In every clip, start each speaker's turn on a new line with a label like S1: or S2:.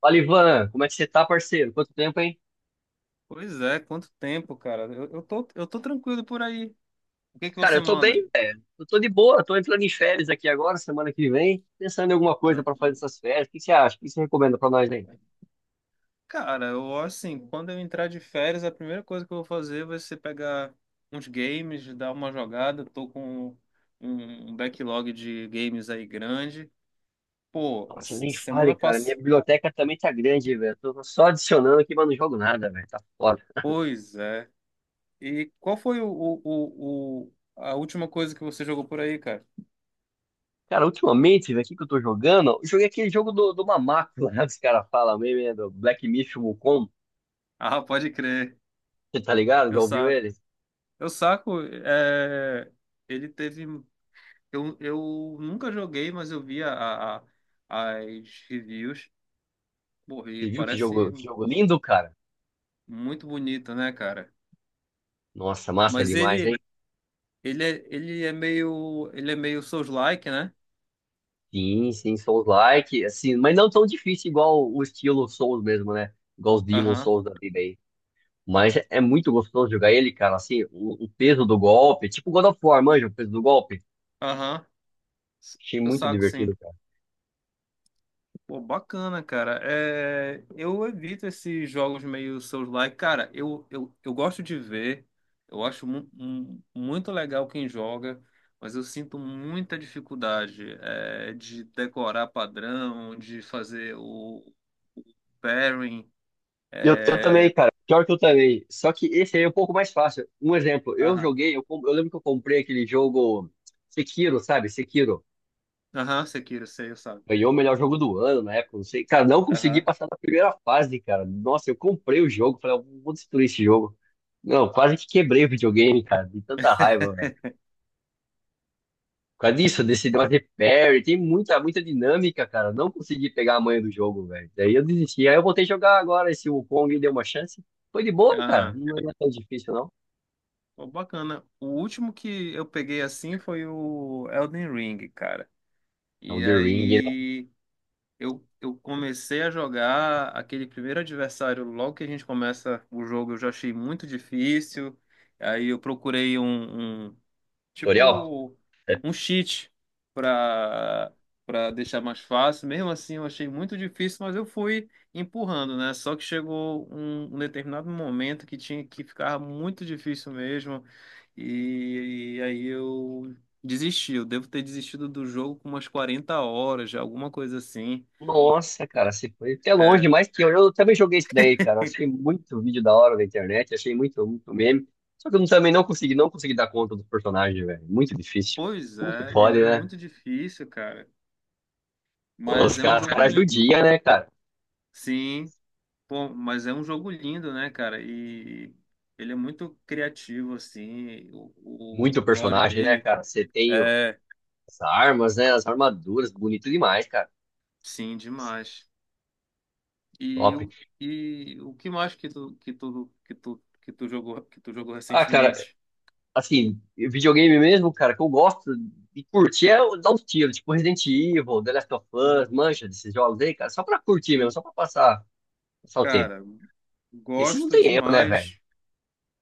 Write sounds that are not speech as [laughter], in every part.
S1: Fala, Ivan, como é que você tá, parceiro? Quanto tempo, hein?
S2: Pois é, quanto tempo, cara. Eu tô tranquilo por aí. O que que
S1: Cara,
S2: você
S1: eu tô
S2: manda?
S1: bem, velho. Eu tô de boa, tô entrando em férias aqui agora, semana que vem, pensando em alguma coisa
S2: Ah.
S1: pra fazer essas férias. O que você acha? O que você recomenda pra nós aí?
S2: Cara, eu assim, quando eu entrar de férias, a primeira coisa que eu vou fazer vai ser pegar uns games, dar uma jogada. Tô com um backlog de games aí grande. Pô,
S1: Nossa, nem
S2: semana
S1: fale, cara. Minha
S2: passada.
S1: biblioteca também tá grande, velho. Tô só adicionando aqui, mas não jogo nada, velho. Tá foda.
S2: Pois é. E qual foi a última coisa que você jogou por aí, cara?
S1: Cara, ultimamente, velho, o que que eu tô jogando? Eu joguei aquele jogo do Mamaco, [laughs] lá, os caras falam mesmo, né? Do Black Myth Wukong.
S2: Ah, pode crer.
S1: Você tá ligado? Já
S2: Eu
S1: ouviu
S2: saco.
S1: ele?
S2: Eu saco. Ele teve. Eu nunca joguei, mas eu vi a- as reviews. Pô, e
S1: Você viu
S2: parece
S1: que jogo lindo, cara?
S2: muito bonito, né, cara?
S1: Nossa, massa
S2: Mas
S1: demais, hein?
S2: ele, ele é, ele é meio Souls-like, né?
S1: Sim, sim, Souls-like, assim, mas não tão difícil igual o estilo Souls mesmo, né? Igual os Demon
S2: Aham,
S1: Souls da vida aí. Mas é muito gostoso jogar ele, cara, assim, o peso do golpe, tipo God of War, manja, o peso do golpe.
S2: aham.
S1: Achei
S2: Eu
S1: muito
S2: saco, sim.
S1: divertido, cara.
S2: Pô, bacana, cara. É, eu evito esses jogos meio Souls-like. Cara, eu gosto de ver, eu acho muito legal quem joga, mas eu sinto muita dificuldade de decorar padrão, de fazer o pairing.
S1: Eu também,
S2: É...
S1: cara, pior que eu também. Só que esse aí é um pouco mais fácil. Um exemplo, eu
S2: Aham,
S1: joguei, eu lembro que eu comprei aquele jogo Sekiro, sabe? Sekiro.
S2: aham, Sekiro, sei, eu sabe.
S1: Ganhou o melhor jogo do ano na época, não sei. Cara, não consegui
S2: Aham,
S1: passar da primeira fase, cara. Nossa, eu comprei o jogo, falei, eu vou destruir esse jogo. Não, quase que quebrei o videogame, cara, de tanta raiva, velho. Por causa disso, desse negócio de repair, tem muita dinâmica, cara. Não consegui pegar a manha do jogo, velho. Daí eu desisti. Aí eu voltei a jogar agora esse Wukong e deu uma chance. Foi de boa, cara.
S2: aham.
S1: Não é tão difícil, não.
S2: Pô, bacana. O último que eu peguei assim foi o Elden Ring, cara.
S1: É o
S2: E
S1: The Ring, né?
S2: aí. Eu comecei a jogar aquele primeiro adversário, logo que a gente começa o jogo, eu já achei muito difícil. Aí eu procurei
S1: Tutorial?
S2: tipo um cheat para para deixar mais fácil. Mesmo assim, eu achei muito difícil, mas eu fui empurrando, né? Só que chegou um determinado momento que tinha que ficar muito difícil mesmo. E aí eu desisti. Eu devo ter desistido do jogo com umas 40 horas, já, alguma coisa assim.
S1: Nossa, cara, você foi até
S2: É,
S1: longe, mais que eu. Eu também joguei isso daí, cara. Eu achei muito vídeo da hora na internet, achei muito, muito meme. Só que eu também não consegui, não consegui dar conta dos personagens, velho. Muito difícil.
S2: pois
S1: Como que
S2: é, ele
S1: pode,
S2: é
S1: né?
S2: muito difícil, cara. Mas é um
S1: Os
S2: jogo
S1: caras
S2: lindo.
S1: judiam, né, cara?
S2: Sim, pô, mas é um jogo lindo, né, cara? E ele é muito criativo, assim. O
S1: Muito
S2: lore
S1: personagem, né,
S2: dele
S1: cara? Você tem
S2: é,
S1: as armas, né? As armaduras, bonito demais, cara.
S2: sim, demais. E,
S1: Top.
S2: o- e o que mais que tu jogou
S1: Ah, cara,
S2: recentemente?
S1: assim, videogame mesmo, cara, que eu gosto de curtir é dar uns tiros, tipo Resident Evil, The Last of Us,
S2: Aham.
S1: mancha desses jogos aí, cara, só pra curtir mesmo, só pra passar. Passar o tempo.
S2: Cara,
S1: Esses não
S2: gosto
S1: tem erro, né, velho?
S2: demais.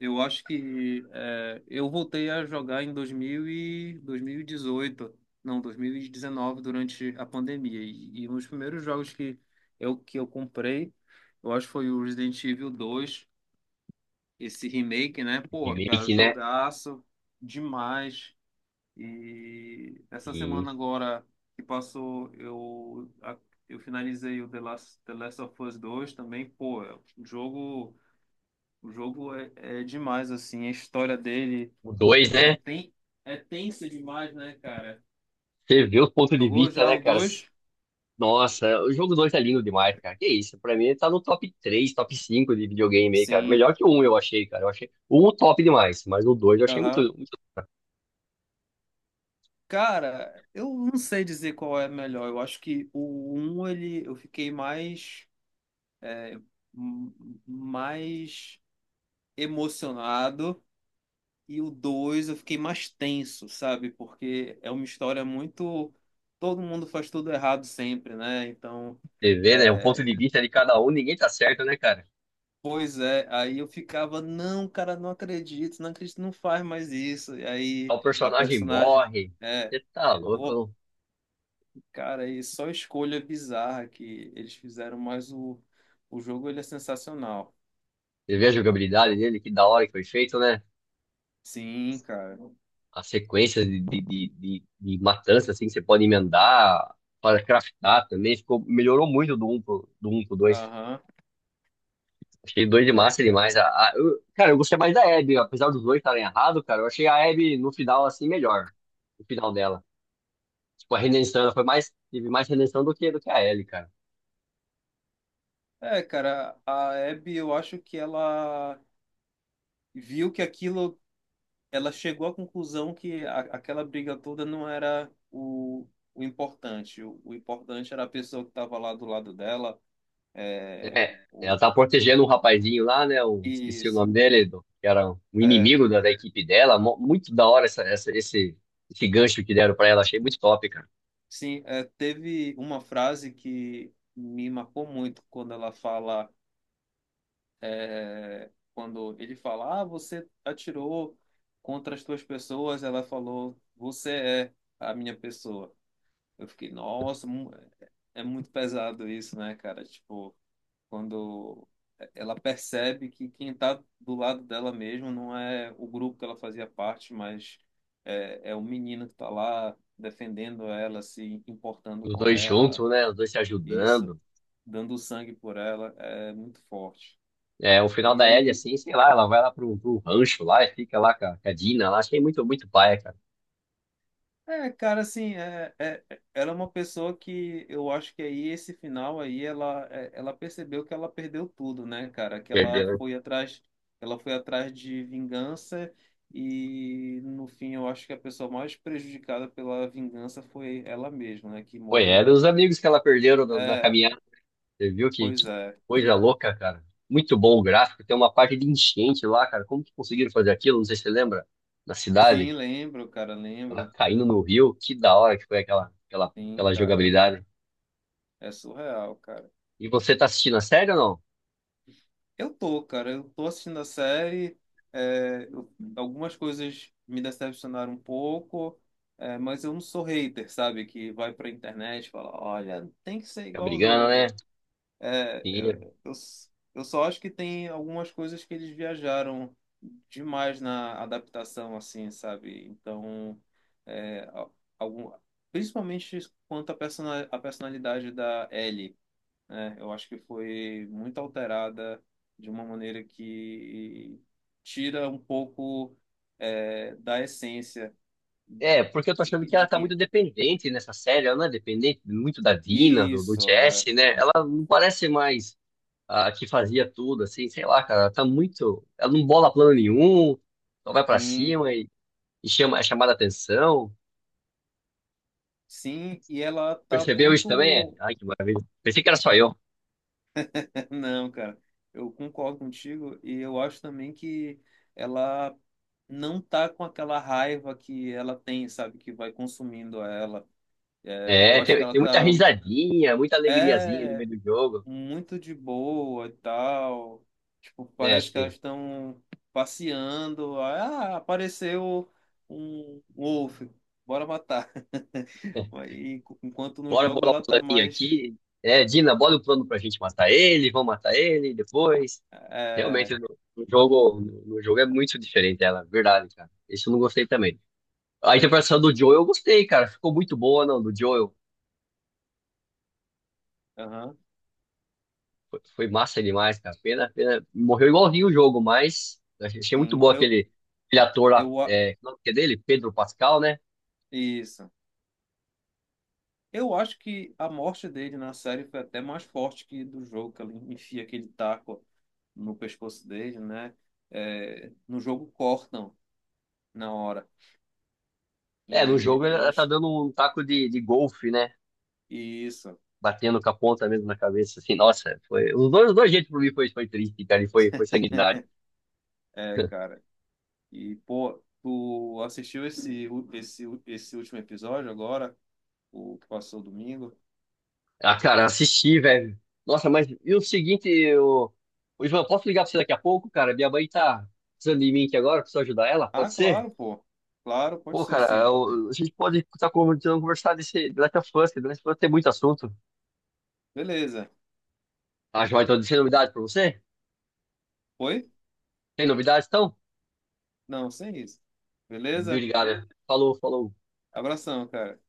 S2: Eu acho que eu voltei a jogar em 2000 e 2018, não, 2019, durante a pandemia. E um dos primeiros jogos que eu comprei, eu acho que foi o Resident Evil 2, esse remake, né? Pô, cara,
S1: Remake, né?
S2: jogaço demais. E essa
S1: Sim.
S2: semana agora que passou, eu finalizei o The Last of Us 2 também. Pô, é um jogo. O jogo é demais, assim, a história dele
S1: O dois
S2: é,
S1: né?
S2: ten... é tensa demais, né, cara?
S1: Você vê os
S2: Tu
S1: pontos de
S2: Jogou
S1: vista,
S2: já
S1: né,
S2: o
S1: cara?
S2: dois?
S1: Nossa, o jogo 2 tá lindo demais, cara. Que isso? Pra mim, ele tá no top 3 top 5 de videogame aí, cara.
S2: Sim.
S1: Melhor que o 1, eu achei, cara. Eu achei o 1 top demais, mas o 2 eu achei muito,
S2: Aham.
S1: muito...
S2: Cara, eu não sei dizer qual é melhor. Eu acho que o um ele, eu fiquei mais emocionado e o 2 eu fiquei mais tenso, sabe? Porque é uma história muito... Todo mundo faz tudo errado sempre, né? Então...
S1: Você vê, né? O ponto
S2: é,
S1: de vista de cada um, ninguém tá certo, né, cara?
S2: Pois é, aí eu ficava, não, cara, não acredito, não acredito, não faz mais isso. E aí
S1: O
S2: a
S1: personagem
S2: personagem,
S1: morre.
S2: é,
S1: Você tá
S2: pô,
S1: louco.
S2: cara, e só escolha bizarra que eles fizeram, mas o jogo ele é sensacional.
S1: Você vê a jogabilidade dele, que da hora que foi feito, né?
S2: Sim, cara.
S1: A sequência de matança, assim, que você pode emendar para craftar também. Ficou, melhorou muito do um pro dois.
S2: Aham.
S1: Achei dois de
S2: É,
S1: massa
S2: cara.
S1: demais. Cara, eu gostei mais da Abby, apesar dos dois estarem errados, cara. Eu achei a Abby no final, assim, melhor. No final dela. Tipo, a redenção, ela foi mais, teve mais redenção do que a Ellie, cara.
S2: É, cara, a Abby, eu acho que ela viu que aquilo, ela chegou à conclusão aquela briga toda não era o importante. O importante era a pessoa que estava lá do lado dela. É,
S1: É, ela
S2: o-
S1: tá protegendo um rapazinho lá, né? Eu esqueci o
S2: Isso.
S1: nome dele, que era um
S2: É,
S1: inimigo da equipe dela. Muito da hora esse gancho que deram pra ela. Achei muito top, cara.
S2: sim, teve uma frase que me marcou muito quando ela fala, quando ele fala, ah, você atirou contra as tuas pessoas, ela falou, você é a minha pessoa. Eu fiquei, nossa, é é muito pesado isso, né, cara? Tipo, quando ela percebe que quem está do lado dela mesmo não é o grupo que ela fazia parte, mas é o menino que está lá defendendo ela, se importando
S1: Os
S2: com
S1: dois
S2: ela,
S1: juntos, né? Os dois se
S2: e isso,
S1: ajudando.
S2: dando sangue por ela, é muito forte.
S1: É, o final
S2: E
S1: da Ellie,
S2: aí
S1: assim, sei lá, ela vai lá pro rancho lá e fica lá com com a Dina lá. Achei muito, muito paia, cara.
S2: Cara, assim, ela é uma pessoa que eu acho que aí esse final aí ela percebeu que ela perdeu tudo, né, cara? Que ela
S1: Perdeu, né?
S2: foi atrás, ela foi atrás de vingança e no fim eu acho que a pessoa mais prejudicada pela vingança foi ela mesma, né? Que
S1: Foi, é, eram
S2: morreram.
S1: os amigos que ela perderam na
S2: É,
S1: caminhada. Você viu
S2: pois
S1: que
S2: é.
S1: coisa louca, cara. Muito bom o gráfico. Tem uma parte de enchente lá, cara. Como que conseguiram fazer aquilo? Não sei se você lembra. Na
S2: Sim,
S1: cidade,
S2: lembro, cara,
S1: ela
S2: lembro.
S1: caindo no rio. Que da hora que foi
S2: Sim,
S1: aquela
S2: cara.
S1: jogabilidade.
S2: É surreal, cara.
S1: E você tá assistindo a série ou não?
S2: Eu tô assistindo a série. é, eu- Algumas coisas me decepcionaram um pouco, mas eu não sou hater, sabe? Que vai pra internet e fala: olha, tem que ser
S1: Tá
S2: igual o
S1: brigando, né?
S2: jogo. É,
S1: Sim,
S2: eu, eu, s- eu só acho que tem algumas coisas que eles viajaram demais na adaptação, assim, sabe? Então, é, a- algum, principalmente quanto à personalidade da Ellie. É, eu acho que foi muito alterada de uma maneira que tira um pouco da essência
S1: é, porque eu tô achando que ela
S2: de
S1: tá
S2: quem.
S1: muito dependente nessa série. Ela não é dependente muito da Dina, do
S2: Isso,
S1: Jesse, né? Ela não parece mais a que fazia tudo, assim, sei lá, cara. Ela tá muito. Ela não bola plano nenhum, só vai pra
S2: sim,
S1: cima e chama, é chamada atenção.
S2: sim, e ela tá
S1: Percebeu isso também? É,
S2: muito.
S1: ai, que maravilha. Pensei que era só eu.
S2: [laughs] Não, cara, eu concordo contigo e eu acho também que ela não tá com aquela raiva que ela tem, sabe, que vai consumindo ela. É, eu
S1: É,
S2: acho que
S1: tem,
S2: ela
S1: tem muita
S2: tá.
S1: risadinha, muita alegriazinha no
S2: É.
S1: meio do jogo,
S2: Muito de boa e tal. Tipo,
S1: né?
S2: parece
S1: Acho
S2: que
S1: que
S2: elas estão passeando. Ah, apareceu um wolf, bora matar. [laughs] E enquanto no
S1: bora
S2: jogo
S1: bolar um
S2: ela tá
S1: planinho
S2: mais.
S1: aqui. É, Dina, bola o plano pra gente matar ele, vamos matar ele depois.
S2: É,
S1: Realmente, no jogo, no jogo é muito diferente ela, verdade, cara. Isso eu não gostei também. A interpretação do Joel eu gostei, cara. Ficou muito boa, não, do Joel.
S2: aham,
S1: Foi, foi massa demais, cara. Pena, pena. Morreu igualzinho o jogo, mas achei achei muito
S2: sim,
S1: bom aquele, aquele ator lá,
S2: eu. a-
S1: é, como é que é dele? Pedro Pascal, né?
S2: Isso. Eu acho que a morte dele na série foi até mais forte que do jogo, que ele enfia aquele taco no pescoço dele, né? É, no jogo cortam na hora.
S1: É, no
S2: E
S1: jogo
S2: eu
S1: ela tá
S2: acho.
S1: dando um taco de golfe, né?
S2: Isso.
S1: Batendo com a ponta mesmo na cabeça, assim, nossa, foi. Os dois jeitos pra mim foi, foi triste, cara, e foi, foi sanguinário.
S2: É,
S1: [laughs]
S2: cara. E, pô, tu assistiu esse último episódio agora? O que passou domingo?
S1: Ah, cara, assisti, velho. Nossa, mas e o seguinte, eu... Ô, Ivan, posso ligar pra você daqui a pouco, cara? Minha mãe tá precisando de mim aqui agora, preciso ajudar ela,
S2: Ah,
S1: pode ser?
S2: claro, pô. Claro, pode
S1: Pô,
S2: ser
S1: cara,
S2: sim.
S1: a gente pode estar comentando, conversar desse The Last of Us, que The Last of Us tem muito assunto.
S2: Beleza.
S1: Ah, joia, então, tem novidade pra você?
S2: Foi?
S1: Tem novidade, então?
S2: Não, sem isso. Beleza?
S1: Obrigado. Falou, falou.
S2: Abração, cara.